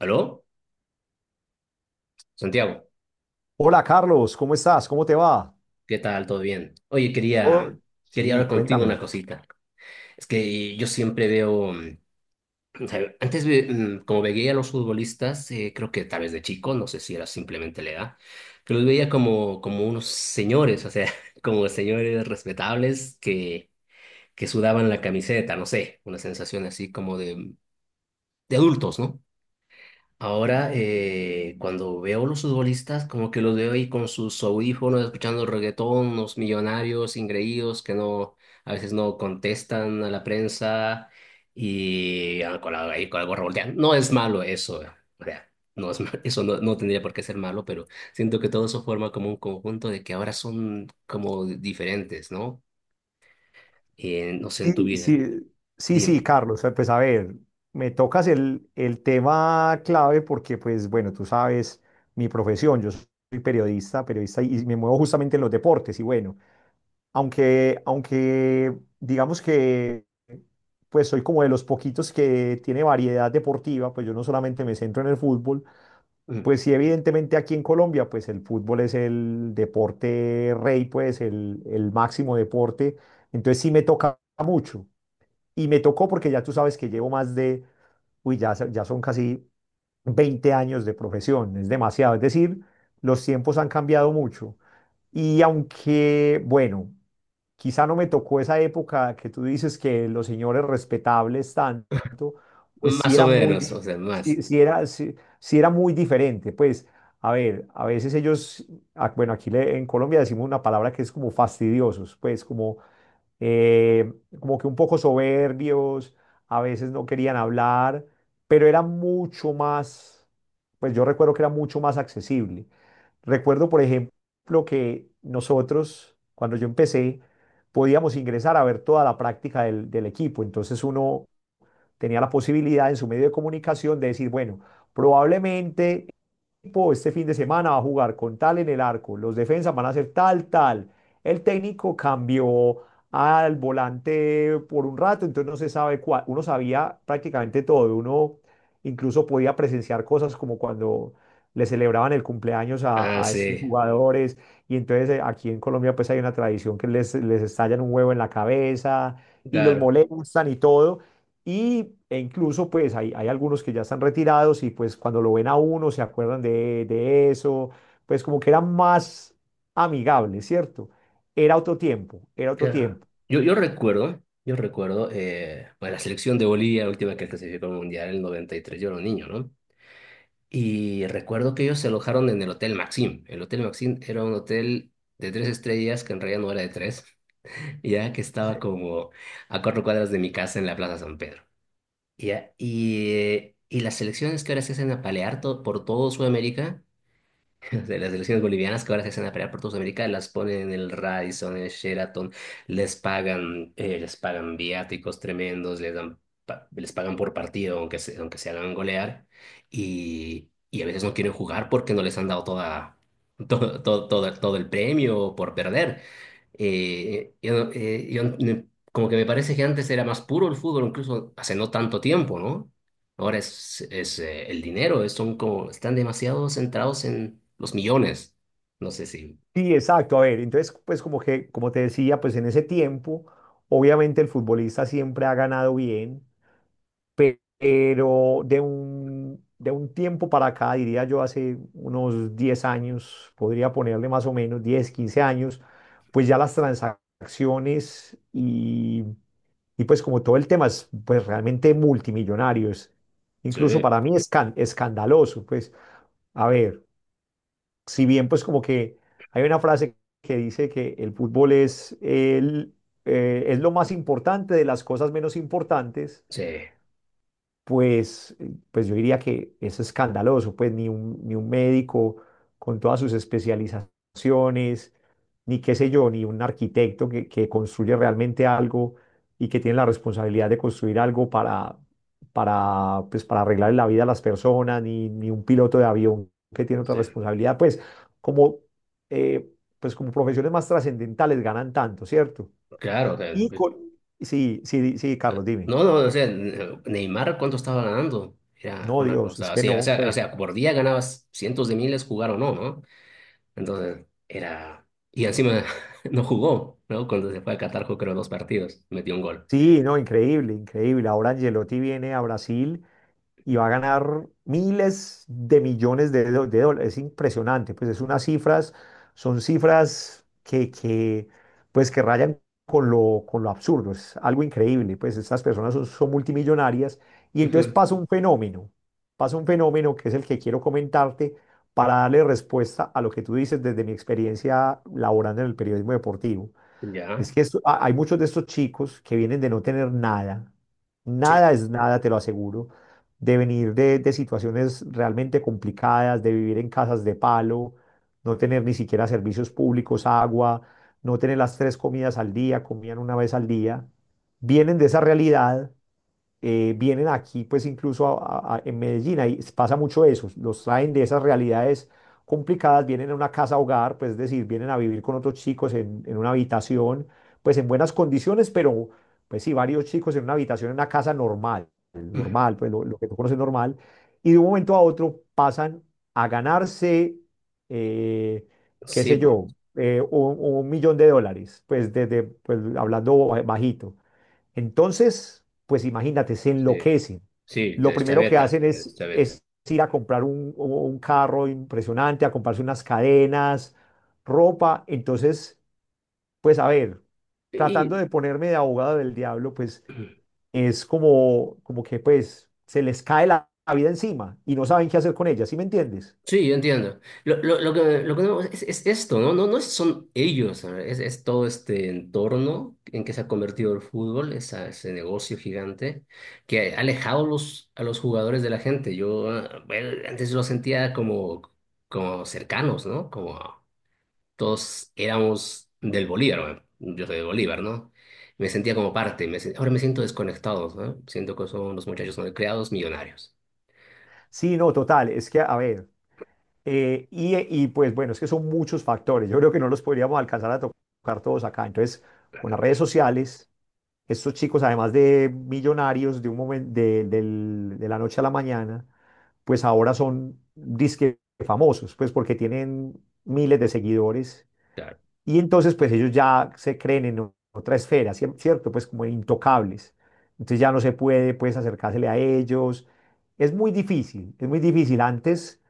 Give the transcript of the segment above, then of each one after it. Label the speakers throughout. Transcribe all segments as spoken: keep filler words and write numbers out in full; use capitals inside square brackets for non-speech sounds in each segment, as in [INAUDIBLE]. Speaker 1: ¿Aló? Santiago,
Speaker 2: Hola Carlos, ¿cómo estás? ¿Cómo te va?
Speaker 1: ¿qué tal? ¿Todo bien? Oye, quería,
Speaker 2: Todo-
Speaker 1: quería
Speaker 2: Sí,
Speaker 1: hablar contigo
Speaker 2: cuéntame.
Speaker 1: una cosita. Es que eh, yo siempre veo, mm, o sea, antes ve- mm, como veía a los futbolistas, eh, creo que tal vez de chico, no sé si era simplemente la edad, que los veía como, como unos señores, o sea, [LAUGHS] como señores respetables que, que sudaban la camiseta, no sé, una sensación así como de, de adultos, ¿no? Ahora, eh, cuando veo los futbolistas, como que los veo ahí con sus audífonos, escuchando reggaetón, unos millonarios ingreídos que no, a veces no contestan a la prensa y ah, con la, ahí con la gorra volteada. No es malo eso, eh, o sea, no es, ma- [LAUGHS] eso no, no tendría por qué ser malo, pero siento que todo eso forma como un conjunto de que ahora son como diferentes, ¿no? Eh, no sé, en
Speaker 2: Sí,
Speaker 1: tu vida,
Speaker 2: sí, sí, sí,
Speaker 1: dime.
Speaker 2: Carlos, eh, pues a ver, me tocas el, el tema clave porque, pues bueno, tú sabes mi profesión. Yo soy periodista, periodista, y y me muevo justamente en los deportes. Y bueno, aunque, aunque digamos que pues soy como de los poquitos que tiene variedad deportiva, pues yo no solamente me centro en el fútbol.
Speaker 1: Mm.
Speaker 2: Pues sí, evidentemente aquí en Colombia, pues el fútbol es el deporte rey, pues el, el máximo deporte. Entonces sí me toca mucho. Y me tocó porque ya tú sabes que llevo más de, uy, ya, so- ya son casi veinte años de profesión. Es demasiado. Es decir, los tiempos han cambiado mucho. Y aunque, bueno, quizá no me tocó esa época que tú dices que los señores respetables tanto, pues sí
Speaker 1: Más o
Speaker 2: era muy,
Speaker 1: menos, o
Speaker 2: di-
Speaker 1: sea, más.
Speaker 2: sí, sí era, sí, sí era muy diferente. Pues, a ver, a veces ellos, ah, bueno, aquí le- en Colombia decimos una palabra que es como fastidiosos, pues como eh, como que un poco soberbios, a veces no querían hablar, pero era mucho más, pues yo recuerdo que era mucho más accesible. Recuerdo, por ejemplo, que nosotros, cuando yo empecé, podíamos ingresar a ver toda la práctica del, del equipo. Entonces uno tenía la posibilidad en su medio de comunicación de decir, bueno, probablemente equipo este fin de semana va a jugar con tal en el arco, los defensas van a hacer tal, tal. El técnico cambió al volante por un rato, entonces no se sabe cuál. Uno sabía prácticamente todo, uno incluso podía presenciar cosas como cuando le celebraban el cumpleaños a,
Speaker 1: Ah,
Speaker 2: a estos
Speaker 1: sí,
Speaker 2: jugadores. Y entonces eh, aquí en Colombia pues hay una tradición que les, les estallan un huevo en la cabeza y los
Speaker 1: claro.
Speaker 2: molestan y todo. Y, e incluso pues hay, hay algunos que ya están retirados, y pues cuando lo ven a uno se acuerdan de, de eso, pues como que era más amigable, ¿cierto? Era otro tiempo, era otro
Speaker 1: Claro.
Speaker 2: tiempo.
Speaker 1: Yo, yo recuerdo, yo recuerdo, eh, bueno, la selección de Bolivia, la última que clasificó al Mundial, el noventa y tres yo era un niño, ¿no? Y recuerdo que ellos se alojaron en el Hotel Maxim. El Hotel Maxim era un hotel de tres estrellas, que en realidad no era de tres, [LAUGHS] ya que estaba como a cuatro cuadras de mi casa en la Plaza San Pedro. Ya, y, eh, y las selecciones que ahora se hacen apalear to- por todo Sudamérica [LAUGHS] de las selecciones bolivianas que ahora se hacen a pelear por toda Sudamérica, las ponen en el Radisson, en el Sheraton, les pagan, eh, les pagan viáticos tremendos, les dan, pa- les pagan por partido, aunque se, aunque se hagan golear, y, y a veces no quieren jugar porque no les han dado toda, todo, todo, todo, todo el premio por perder. Eh, yo, no- eh, yo no- Como que me parece que antes era más puro el fútbol, incluso hace no tanto tiempo, ¿no? Ahora es, es eh, el dinero, es- son como, están demasiado centrados en los millones. No sé si,
Speaker 2: Sí, exacto. A ver, entonces pues como que, como te decía, pues en ese tiempo, obviamente el futbolista siempre ha ganado bien, pe- pero de un, de un tiempo para acá, diría yo hace unos diez años, podría ponerle más o menos diez quince años, pues ya las transacciones y, y pues como todo el tema es pues realmente multimillonario, es- incluso
Speaker 1: Sí,
Speaker 2: para mí es escan- escandaloso. Pues a ver, si bien pues como que hay una frase que dice que el fútbol es el… eh, es lo más importante de las cosas menos importantes.
Speaker 1: sí,
Speaker 2: Pues, eh, pues yo diría que es escandaloso, pues ni un, ni un médico con todas sus especializaciones, ni qué sé yo, ni un arquitecto que, que construye realmente algo y que tiene la responsabilidad de construir algo para, para, pues, para arreglar la vida a las personas, ni, ni un piloto de avión que tiene otra
Speaker 1: sí,
Speaker 2: responsabilidad, pues como, eh, pues como profesiones más trascendentales ganan tanto, ¿cierto?
Speaker 1: claro, o sea,
Speaker 2: Y con… Sí, sí, di- sí, Carlos, dime.
Speaker 1: no, no, o sea, Neymar, ¿cuánto estaba ganando? Era
Speaker 2: No,
Speaker 1: una
Speaker 2: Dios, es
Speaker 1: cosa,
Speaker 2: que
Speaker 1: así, o
Speaker 2: no,
Speaker 1: sea, o
Speaker 2: pues.
Speaker 1: sea, por día ganabas cientos de miles, jugar o no, ¿no? Entonces, era, y encima [LAUGHS] no jugó, ¿no? Cuando se fue a Qatar, jugó creo dos partidos, metió un gol.
Speaker 2: Sí, no, increíble, increíble. Ahora Angelotti viene a Brasil y va a ganar miles de millones de, do- de dólares. Es impresionante, pues es unas cifras, son cifras que, que, pues que rayan con lo, con lo absurdo. Es algo increíble, pues estas personas son, son multimillonarias. Y entonces
Speaker 1: Ujú.
Speaker 2: pasa un fenómeno, pasa un fenómeno que es el que quiero comentarte para darle respuesta a lo que tú dices desde mi experiencia laborando en el periodismo deportivo.
Speaker 1: Ya,
Speaker 2: Es que esto- a- hay muchos de estos chicos que vienen de no tener nada.
Speaker 1: sí,
Speaker 2: Nada es nada, te lo aseguro, de venir de, de situaciones realmente complicadas, de vivir en casas de palo, no tener ni siquiera servicios públicos, agua, no tener las tres comidas al día, comían una vez al día, vienen de esa realidad. Eh, vienen aquí, pues incluso a- a- a- en Medellín, ahí pasa mucho eso, los traen de esas realidades complicadas, vienen a una casa hogar, pues es decir, vienen a vivir con otros chicos en, en una habitación, pues en buenas condiciones, pero pues sí, varios chicos en una habitación, en una casa normal, normal, pues lo, lo que tú conoces normal, y de un momento a otro pasan a ganarse, eh, qué
Speaker 1: sí,
Speaker 2: sé
Speaker 1: bu-
Speaker 2: yo, eh, un, un millón de dólares, pues desde, pues hablando bajito. Entonces, pues imagínate, se
Speaker 1: sí,
Speaker 2: enloquecen.
Speaker 1: sí,
Speaker 2: Lo
Speaker 1: te-
Speaker 2: primero que
Speaker 1: chaveta,
Speaker 2: hacen
Speaker 1: te-
Speaker 2: es,
Speaker 1: chaveta.
Speaker 2: es ir a comprar un, un carro impresionante, a comprarse unas cadenas, ropa. Entonces, pues a ver, tratando
Speaker 1: Sí.
Speaker 2: de ponerme de abogado del diablo, pues es como, como que pues se les cae la, la vida encima y no saben qué hacer con ella, ¿sí me entiendes?
Speaker 1: Sí, yo entiendo. Lo, lo, lo que, lo que no- es, es esto, ¿no? No, no es- son ellos, ¿no? Es, es todo este entorno en que se ha convertido el fútbol, esa, ese negocio gigante que ha alejado los, a los jugadores de la gente. Yo, ah, bueno, antes lo sentía como, como cercanos, ¿no? Como todos éramos del Bolívar, bueno, yo soy de Bolívar, ¿no? Me sentía como parte, me sen- ahora me siento desconectado, ¿no? Siento que son los muchachos no criados millonarios.
Speaker 2: Sí, no, total, es que a ver. Eh, y, y, pues bueno, es que son muchos factores. Yo creo que no los podríamos alcanzar a tocar todos acá. Entonces, con las redes sociales, estos chicos, además de millonarios de, un momen- de, del- de la noche a la mañana, pues ahora son disque famosos, pues porque tienen miles de seguidores.
Speaker 1: Claro.
Speaker 2: Y entonces, pues ellos ya se creen en o- otra esfera, cier- ¿cierto? Pues como intocables. Entonces ya no se puede, pues, acercársele a ellos. Es muy difícil, es muy difícil. Antes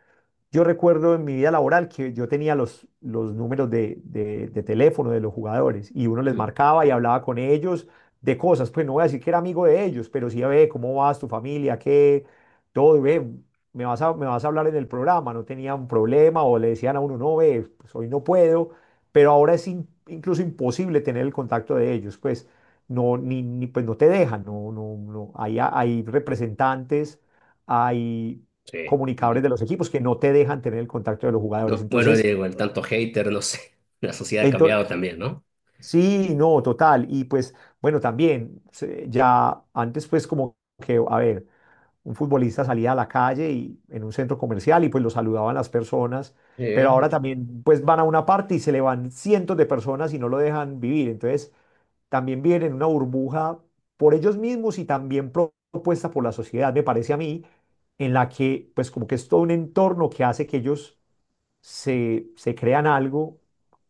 Speaker 2: yo recuerdo en mi vida laboral que yo tenía los, los números de, de- de teléfono de los jugadores y uno les
Speaker 1: Mm.
Speaker 2: marcaba y hablaba con ellos de cosas. Pues no voy a decir que era amigo de ellos, pero sí, ve, ¿cómo vas, tu familia? ¿Qué? Todo, ve, me vas a, me vas a hablar en el programa. No tenían problema o le decían a uno, no, ve, pues hoy no puedo. Pero ahora es in- incluso imposible tener el contacto de ellos, pues no, ni, ni- pues no te dejan, no, no, no. Hay, hay representantes. Hay
Speaker 1: Sí.
Speaker 2: comunicadores de los equipos que no te dejan tener el contacto de los jugadores.
Speaker 1: No, bueno,
Speaker 2: Entonces,
Speaker 1: digo, el tanto hater, no sé. [LAUGHS] La sociedad ha cambiado
Speaker 2: entonces
Speaker 1: también, ¿no?
Speaker 2: sí, no, total. Y pues, bueno, también, se- ya antes pues como que, a ver, un futbolista salía a la calle y en un centro comercial y pues lo saludaban las personas,
Speaker 1: Sí,
Speaker 2: pero
Speaker 1: ¿eh?
Speaker 2: ahora también pues van a una parte y se le van cientos de personas y no lo dejan vivir. Entonces, también viven en una burbuja por ellos mismos y también pro- propuesta por la sociedad, me parece a mí, en la que pues como que es todo un entorno que hace que ellos se, se crean algo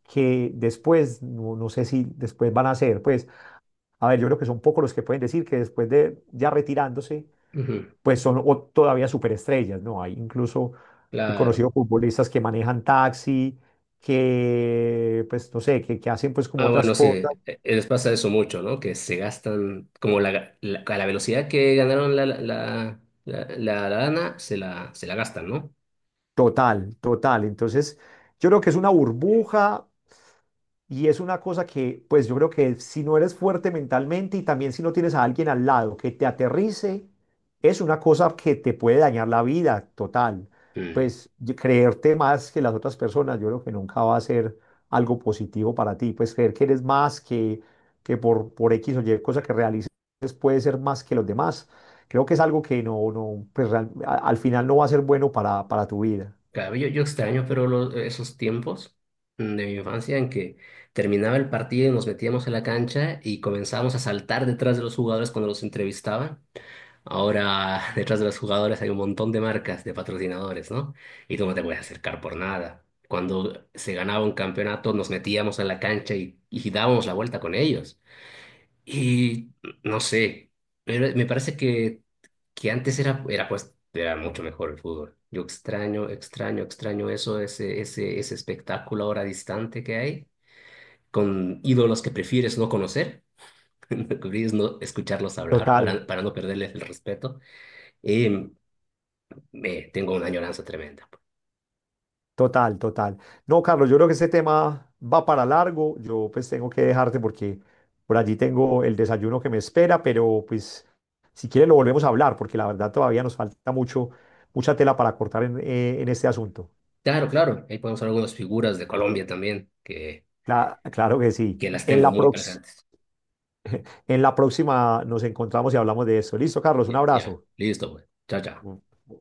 Speaker 2: que después, no, no sé si después van a hacer, pues, a ver, yo creo que son pocos los que pueden decir que después de ya retirándose,
Speaker 1: Ujú,
Speaker 2: pues son o todavía superestrellas, ¿no? Hay incluso, he
Speaker 1: claro.
Speaker 2: conocido futbolistas que manejan taxi, que, pues, no sé, que, que hacen pues como
Speaker 1: Ah,
Speaker 2: otras
Speaker 1: bueno, sí,
Speaker 2: cosas.
Speaker 1: eh, les pasa eso mucho, ¿no? Que se gastan, como la, la- a la velocidad que ganaron la, la, la, la- la lana, se la, se la gastan, ¿no?
Speaker 2: Total, total. Entonces, yo creo que es una burbuja. Y es una cosa que, pues yo creo que si no eres fuerte mentalmente y también si no tienes a alguien al lado que te aterrice, es una cosa que te puede dañar la vida total.
Speaker 1: Mm.
Speaker 2: Pues y- creerte más que las otras personas, yo creo que nunca va a ser algo positivo para ti. Pues creer que eres más que, que por, por equis o ye cosa que realices puede ser más que los demás. Creo que es algo que no, no, pues real- a- al final no va a ser bueno para, para tu vida.
Speaker 1: Claro, yo, yo extraño, pero lo- esos tiempos mm, de mi infancia en que terminaba el partido y nos metíamos a la cancha y comenzábamos a saltar detrás de los jugadores cuando los entrevistaban. Ahora, [LAUGHS] detrás de los jugadores hay un montón de marcas, de patrocinadores, ¿no? Y tú no te puedes acercar por nada. Cuando se ganaba un campeonato, nos metíamos a la cancha y, y dábamos la vuelta con ellos. Y no sé, pero me parece que, que antes era, era, pues, era mucho mejor el fútbol. Yo extraño, extraño, extraño eso, ese, ese, ese espectáculo ahora distante que hay, con ídolos que prefieres no conocer, [LAUGHS] prefieres no escucharlos hablar
Speaker 2: Total.
Speaker 1: para, para no perderles el respeto. Em, eh, tengo una añoranza tremenda.
Speaker 2: Total, total. No, Carlos, yo creo que este tema va para largo. Yo pues tengo que dejarte porque por allí tengo el desayuno que me espera, pero pues si quieres lo volvemos a hablar porque la verdad todavía nos falta mucho, mucha tela para cortar en, eh, en este asunto.
Speaker 1: Claro, claro, ahí podemos ver algunas figuras de Colombia también, que,
Speaker 2: Cla- claro que sí.
Speaker 1: que las
Speaker 2: En
Speaker 1: tengo
Speaker 2: la
Speaker 1: muy
Speaker 2: prox-
Speaker 1: presentes.
Speaker 2: en la próxima nos encontramos y hablamos de eso. Listo, Carlos,
Speaker 1: Ya,
Speaker 2: un
Speaker 1: ya,
Speaker 2: abrazo.
Speaker 1: listo, pues. Chao, chao.
Speaker 2: Mm.